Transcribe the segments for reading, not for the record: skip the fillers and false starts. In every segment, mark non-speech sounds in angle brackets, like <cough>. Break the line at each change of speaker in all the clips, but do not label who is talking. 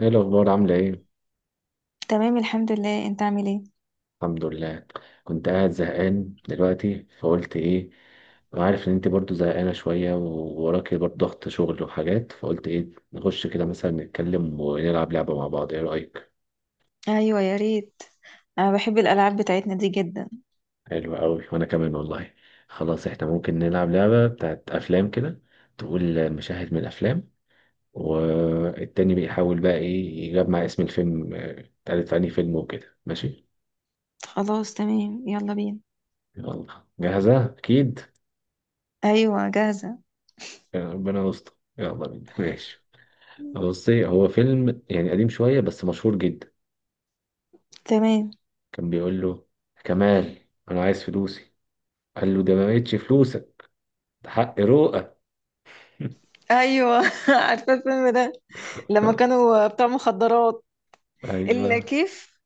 ايه الاخبار عامله ايه؟
تمام، الحمد لله. انت عامل ايه؟
الحمد لله. كنت قاعد زهقان دلوقتي فقلت ايه، عارف ان انت برضو زهقانه شويه ووراكي برضو ضغط شغل وحاجات، فقلت ايه نخش كده مثلا نتكلم ونلعب لعبه مع بعض، ايه رايك؟
ايوه، يا ريت. انا بحب الالعاب بتاعتنا دي جدا.
حلو قوي وانا كمان والله. خلاص احنا ممكن نلعب لعبه بتاعت افلام كده، تقول مشاهد من الافلام والتاني بيحاول بقى ايه يجمع اسم الفيلم، اتقالت في انهي فيلم وكده، ماشي.
خلاص، تمام. يلا بينا.
يلا، جاهزه اكيد.
ايوه، جاهزه.
يا ربنا يستر، يلا بينا، ماشي. بصي، هو فيلم يعني قديم شوية بس مشهور جدا.
تمام.
كان بيقول له كمال: أنا عايز فلوسي. قال له ده ما بقتش فلوسك، ده حق روقك.
ايوه، <laughs> عارفه الفيلم ده. لما
<laughs>
كانوا بتاع مخدرات.
أيوه.
الكيف.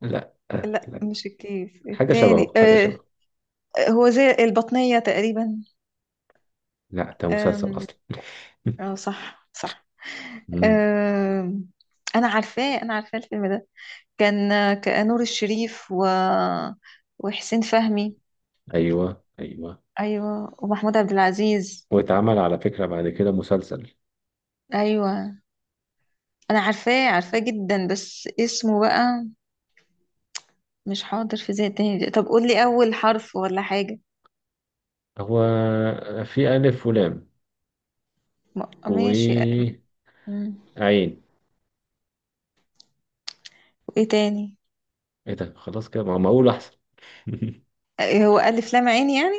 لا
لا،
لا.
مش الكيف
حاجة
التاني.
شبهه حاجة
آه.
شبهه.
هو زي البطنيه تقريبا.
لا، ده مسلسل
آم.
أصلا.
اه،
<laughs>
صح صح.
مم.
آم. انا عارفاه الفيلم ده. كان نور الشريف وحسين فهمي.
أيوه أيوه.
ايوه، ومحمود عبد العزيز.
واتعمل على فكرة بعد كده مسلسل.
ايوه، انا عارفاه جدا، بس اسمه بقى مش حاضر في ذهني تاني. طب قول لي اول حرف ولا حاجه.
هو في ألف ولام
ماشي.
وعين،
مم.
إيه؟
وايه تاني؟
ده خلاص كده، ما أقول أحسن. <laughs>
إيه، هو الف لام عين يعني؟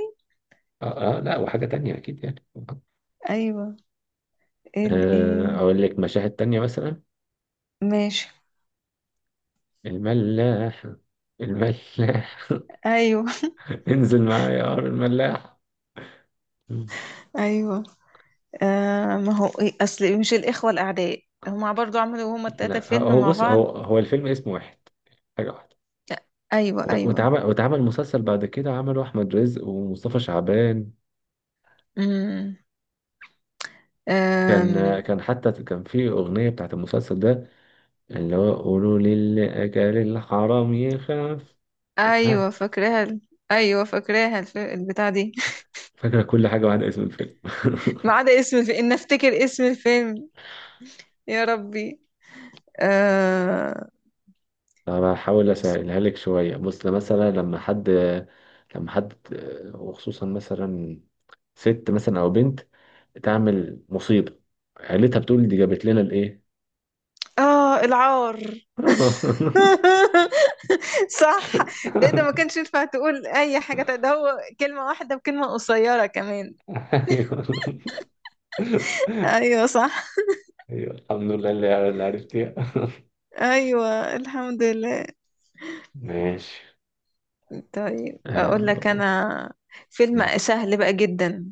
آه آه، لا وحاجة تانية أكيد يعني.
ايوه. ال ايه؟
أقول لك مشاهد تانية مثلا.
ماشي.
الملاح الملاح.
ايوه.
<laughs> انزل معايا يا عمرو الملاح. مم.
<laughs> ايوه. آه، ما هو إيه، اصل مش الاخوه الاعداء هما برضو عملوا، هما التلاته
لا
فيلم
هو
مع
بص، هو
بعض.
هو الفيلم اسمه واحد، حاجة واحدة.
ايوه،
و-
ايوه.
واتعمل واتعمل مسلسل بعد كده، عمله أحمد رزق ومصطفى شعبان. كان
امم.
كان حتى كان في أغنية بتاعت المسلسل ده، اللي هو قولوا للي أكل الحرام يخاف.
ايوه،
ها،
فاكراها. ايوه، فاكراها البتاع دي. <laughs>
فاكرة كل حاجة بعد اسم الفيلم. <laughs>
ما عدا اسم الفيلم، ان افتكر اسم الفيلم. يا ربي. آه.
انا هحاول
اسم.
اسهلها لك شويه. بص، مثلا لما حد، لما حد وخصوصا مثلا ست مثلا او بنت تعمل مصيبه، عيلتها بتقول دي جابت لنا الايه.
اه، العار.
<laughs>
<laughs> صح. ده ما كانش ينفع تقول اي حاجه تانية. ده هو كلمه واحده بكلمه قصيره كمان.
ايوه
ايوه، صح.
ايوه، الحمد لله اللي عرفتيها.
ايوه، الحمد لله.
ماشي،
طيب، اقول لك
آه،
انا. فيلم سهل بقى جدا.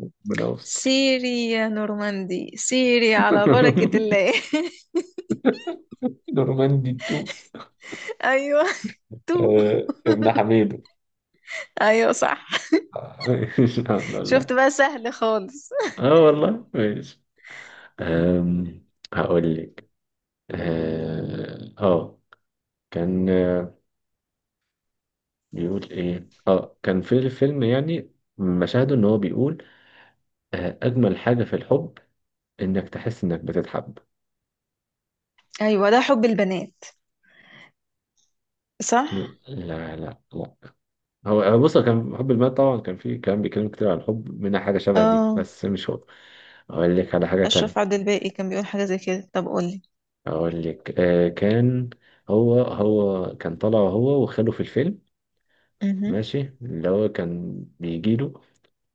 ربنا يستر.
سيري يا نورماندي، سيري على بركة
<laughs>
الله. <laughs>
نورماندي 2،
ايوه. تو.
ابن حميدو.
ايوه، صح.
<laughs> الحمد
شفت
لله.
بقى سهل خالص.
اه والله ماشي.
مم.
أم هقول لك. اه آه، كان بيقول ايه، كان في الفيلم يعني مشاهده، ان هو بيقول اجمل حاجة في الحب انك تحس انك بتتحب.
ايوه، ده حب البنات.
لا
صح.
لا لا لا. هو بص، هو كان حب المال طبعا، كان فيه كلام بيتكلم كتير عن الحب منها حاجة شبه دي
اه.
بس مش هو. اقول لك على حاجة تانية.
اشرف عبد الباقي كان بيقول حاجه زي كده. طب قولي.
اقول لك كان، هو كان طالع هو وخاله في الفيلم.
مهم.
ماشي، اللي هو كان بيجيله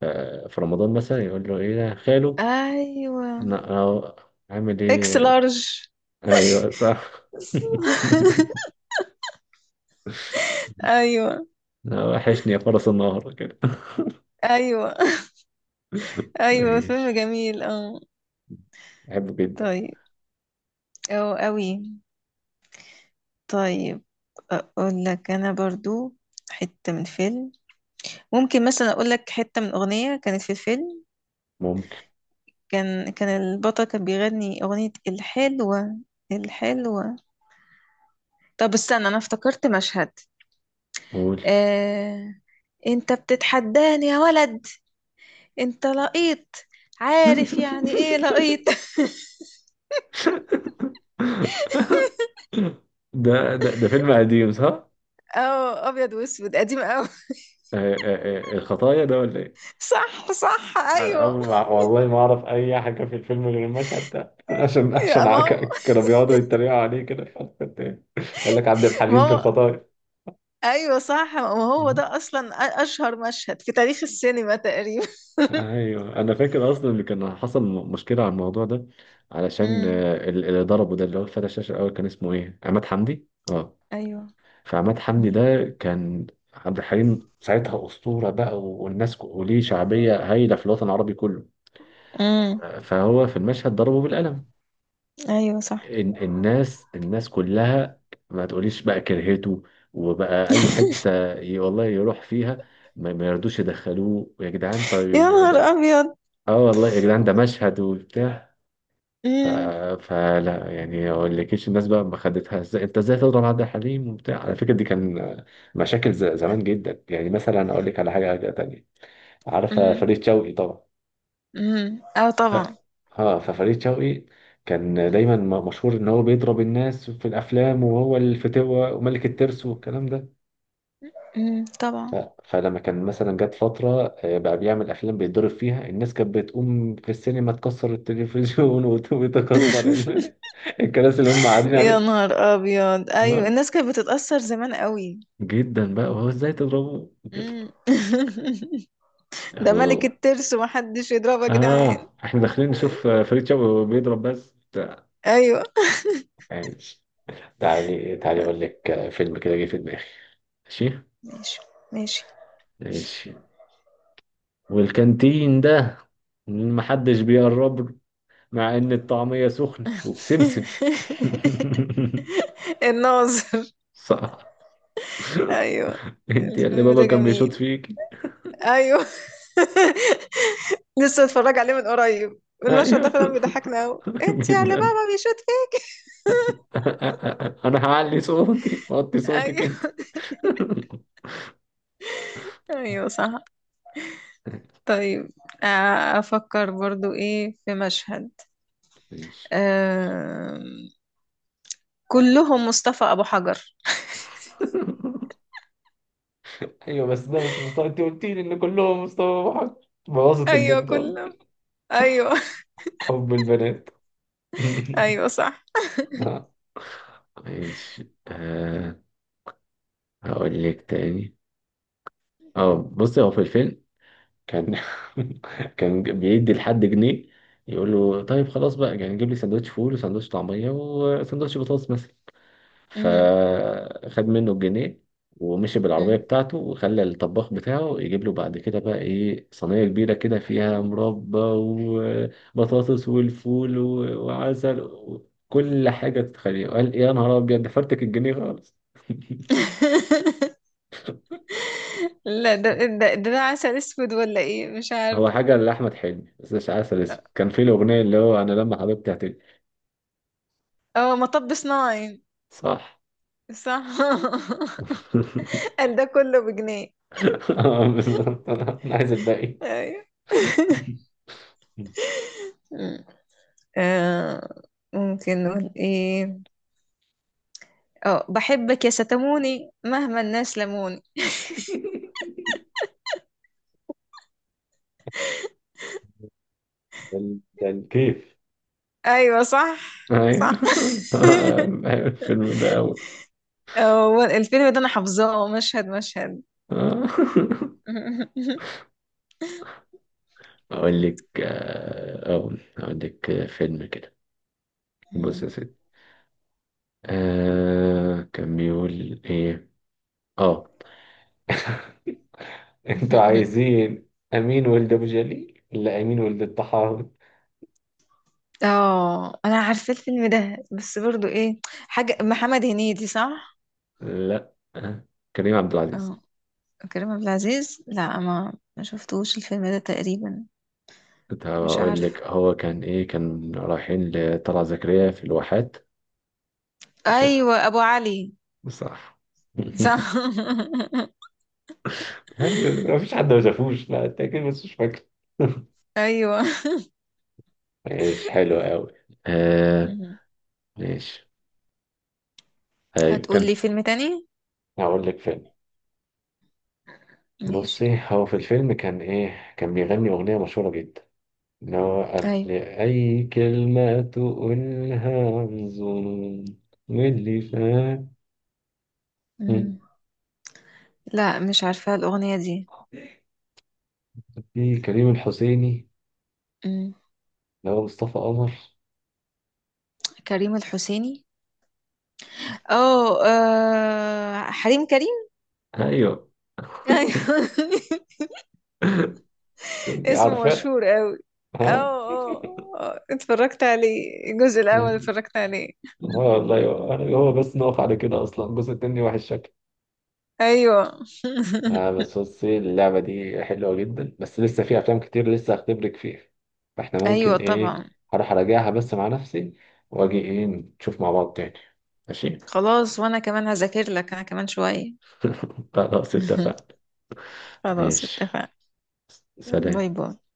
في رمضان مثلا يقول له ايه ده خاله،
ايوه.
لا أهو، عامل
اكس
ايه.
لارج.
ايوه صح. <laughs>
ايوه.
لا، وحشني يا فرس النهر كده.
ايوه.
<laughs>
ايوه،
ماشي،
فيلم جميل، اه.
بحبه جدا.
طيب. او قوي. طيب. اقول لك انا برضو حته من فيلم. ممكن مثلا اقول لك حته من اغنيه كانت في الفيلم.
ممكن،
كان البطل كان بيغني أغنية الحلوة. الحلوة. طب استنى، أنا افتكرت مشهد.
قول.
آه... أنت بتتحداني يا ولد. أنت لقيط. عارف يعني إيه
<laughs>
لقيط؟ <laughs>
ده فيلم قديم صح؟
اه، أبيض وأسود، قديم أوي.
الخطايا ده ولا ايه؟
<laughs> صح، صح،
انا
أيوه.
والله ما اعرف اي حاجه في الفيلم غير المشهد ده. <laughs> عشان عشان
يا ما
ع-
هو.
ك- كانوا بيقعدوا يتريقوا عليه كده في الحلقة التانية. يقول لك عبد
ما
الحليم في
هو.
الخطايا.
أيوه صح، ما هو ده أصلا أشهر مشهد في تاريخ السينما تقريبا. <laughs>
ايوه، انا فاكر اصلا ان كان حصل مشكله على الموضوع ده، علشان
امم.
اللي ضربه، ده اللي هو فتح الشاشه الاول، كان اسمه ايه؟ عماد حمدي اه.
أيوه.
فعماد حمدي
امم.
ده كان عبد الحليم ساعتها اسطوره بقى، والناس وليه شعبيه هايله في الوطن العربي كله.
أمم.
فهو في المشهد ضربه بالقلم.
أيوه، صح.
الناس الناس كلها ما تقوليش بقى كرهته، وبقى اي
<laughs>
حته والله يروح فيها، ما يرضوش يدخلوه يا جدعان
يا
طيب. ده
نهار
اه والله يا جدعان ده مشهد وبتاع. ف...
أبيض.
فلا يعني، ما اقولكيش الناس بقى ما خدتها ازاي، انت ازاي تضرب عبد الحليم وبتاع، على فكره دي كان مشاكل زمان جدا يعني. مثلا اقول لك على حاجه تانية، عارفه
امم.
فريد شوقي طبعا.
امم، اه،
ف...
طبعا.
اه ففريد شوقي كان دايما مشهور ان هو بيضرب الناس في الافلام وهو الفتوه وملك الترس والكلام ده.
امم، طبعا.
فلما كان مثلا جت فتره، بقى بيعمل افلام بيتضرب فيها الناس، كانت بتقوم في السينما تكسر التلفزيون <laughs> وتكسر
<laughs>
الكراسي اللي هم
يا
قاعدين
نهار ابيض، ايوه.
عليها،
الناس كانت بتتأثر زمان قوي.
جدا بقى، وهو ازاي تضربه وكده.
امم. <laughs> ده ملك
يلا
الترس ومحدش يضربه يا جدعان.
اه، احنا داخلين
مم.
نشوف فريد شوقي بيضرب بس بتاع.
ايوه.
ماشي. تعالي تعالي اقول لك فيلم كده جه في دماغي. ماشي
ماشي، ماشي.
ماشي. والكانتين ده محدش بيقرب له، مع ان الطعمية سخنة وبسمسم.
<laughs>
<laughs>
الناظر.
صح،
ايوه.
انت اللي
الفيلم
بابا
ده
كان بيشوط
جميل.
فيكي.
ايوه. <laughs> لسه اتفرج عليه من قريب. المشهد
ايوه.
ده فعلا بيضحكنا قوي،
<laughs>
انت يا اللي
جدا.
بابا بيشوت فيه.
<laughs> انا هعلي صوتي وطي صوتك
ايوه.
انت.
ايوه، صح.
<laughs>
طيب. أفكر برضو إيه في مشهد.
ماشي.
آه، كلهم مصطفى أبو حجر.
ايوه بس ده مش مستوى، انت قلت لي ان كلهم مستوى واحد. بوظت
أيوة،
البنت ولا
كلهم. أيوة.
حب البنات. <laughs>
<laughs> أيوة، صح.
آه. ماشي آه، هقول لك تاني. اه، بصي هو في الفيلم كان <laughs> كان بيدي لحد جنيه يقول له طيب خلاص بقى يعني جيب لي سندوتش فول وسندوتش طعمية وسندوتش بطاطس مثلا.
مم.
فخد منه الجنيه ومشي بالعربية
مم.
بتاعته وخلى الطباخ بتاعه يجيب له بعد كده بقى ايه صينية كبيرة كده فيها مربى وبطاطس والفول وعسل وكل حاجة تتخيلها. قال يا نهار أبيض، ده فرتك الجنيه خالص. <laughs>
<laughs> لا، ده عسل أسود ولا إيه، مش
هو
عارفة.
حاجة لأحمد حلمي بس مش عسل، اسمه كان في الأغنية اللي هو أنا لما حبيبتي هتجي.
أه، مطب صناعي.
صح.
صح. <laughs>
<laughs>
قال ده كله بجنيه.
بالظبط، أنا عايز الباقي.
أيوة. <laughs>
<laughs>
مم. آه، ممكن نقول إيه؟ أه، بحبك يا ستموني مهما الناس لموني.
ده ده الكيف.
ايوه، صح، صح.
ايوه. <laughs>
<laughs>
بحب الفيلم ده أوي.
هو الفيلم ده انا حافظاه مشهد مشهد.
<laughs>
<laughs>
أقول لك أقول لك فيلم كده. بص يا سيدي، آه كان بيقول إيه؟ آه أنتوا عايزين أمين ولد أبو جليل ولا أمين ولد الطحاوي؟
اه، انا عارفه الفيلم ده بس برضو ايه، حاجه محمد هنيدي، صح؟
لا كريم عبد العزيز.
اه. كريم عبد العزيز، لا، ما شفتوش الفيلم ده تقريبا.
كنت
مش
هقول
عارف.
لك، هو كان إيه، كان رايحين لطلعت زكريا في الواحات عشان
ايوه، ابو علي.
بصراحة.
صح.
<laughs>
<laughs>
لا مفيش حد ما شافوش، لا أنت أكيد بس مش فاكر. <laughs>
ايوه.
ماشي حلو قوي آه.
مهم.
ماشي، ايوه
هتقول
كان،
لي فيلم تاني؟
هقول لك فيلم.
ماشي.
بصي هو في الفيلم كان ايه، كان بيغني اغنيه مشهوره جدا، ان هو
ايوه.
قبل اي كلمه تقولها بظنون واللي فات. مم.
مم. لا، مش عارفه الاغنيه
في كريم الحسيني
دي.
اللي هو مصطفى قمر.
كريم الحسيني. اه، حريم كريم.
ايوه. <laughs>
ايوه. <laughs>
كنت
اسمه
عارفه.
مشهور قوي. اه،
ها.
اه.
<laughs>
اتفرجت عليه الجزء الاول،
آه،
اتفرجت عليه.
والله، هو بس نقف على كده اصلا، الجزء التاني وحش شكله.
ايوه.
آه بس بصي، اللعبة دي حلوة جدا بس لسه في أفلام كتير لسه هختبرك فيها. فاحنا
ايوه،
ممكن إيه،
طبعا.
هروح أراجعها بس مع نفسي وأجي إيه نشوف مع بعض تاني. ماشي.
خلاص، وانا كمان هذاكر لك، انا كمان شويه.
<laughs> خلاص
<laughs>
اتفقنا.
خلاص،
ماشي،
اتفقنا. باي
سلام.
باي.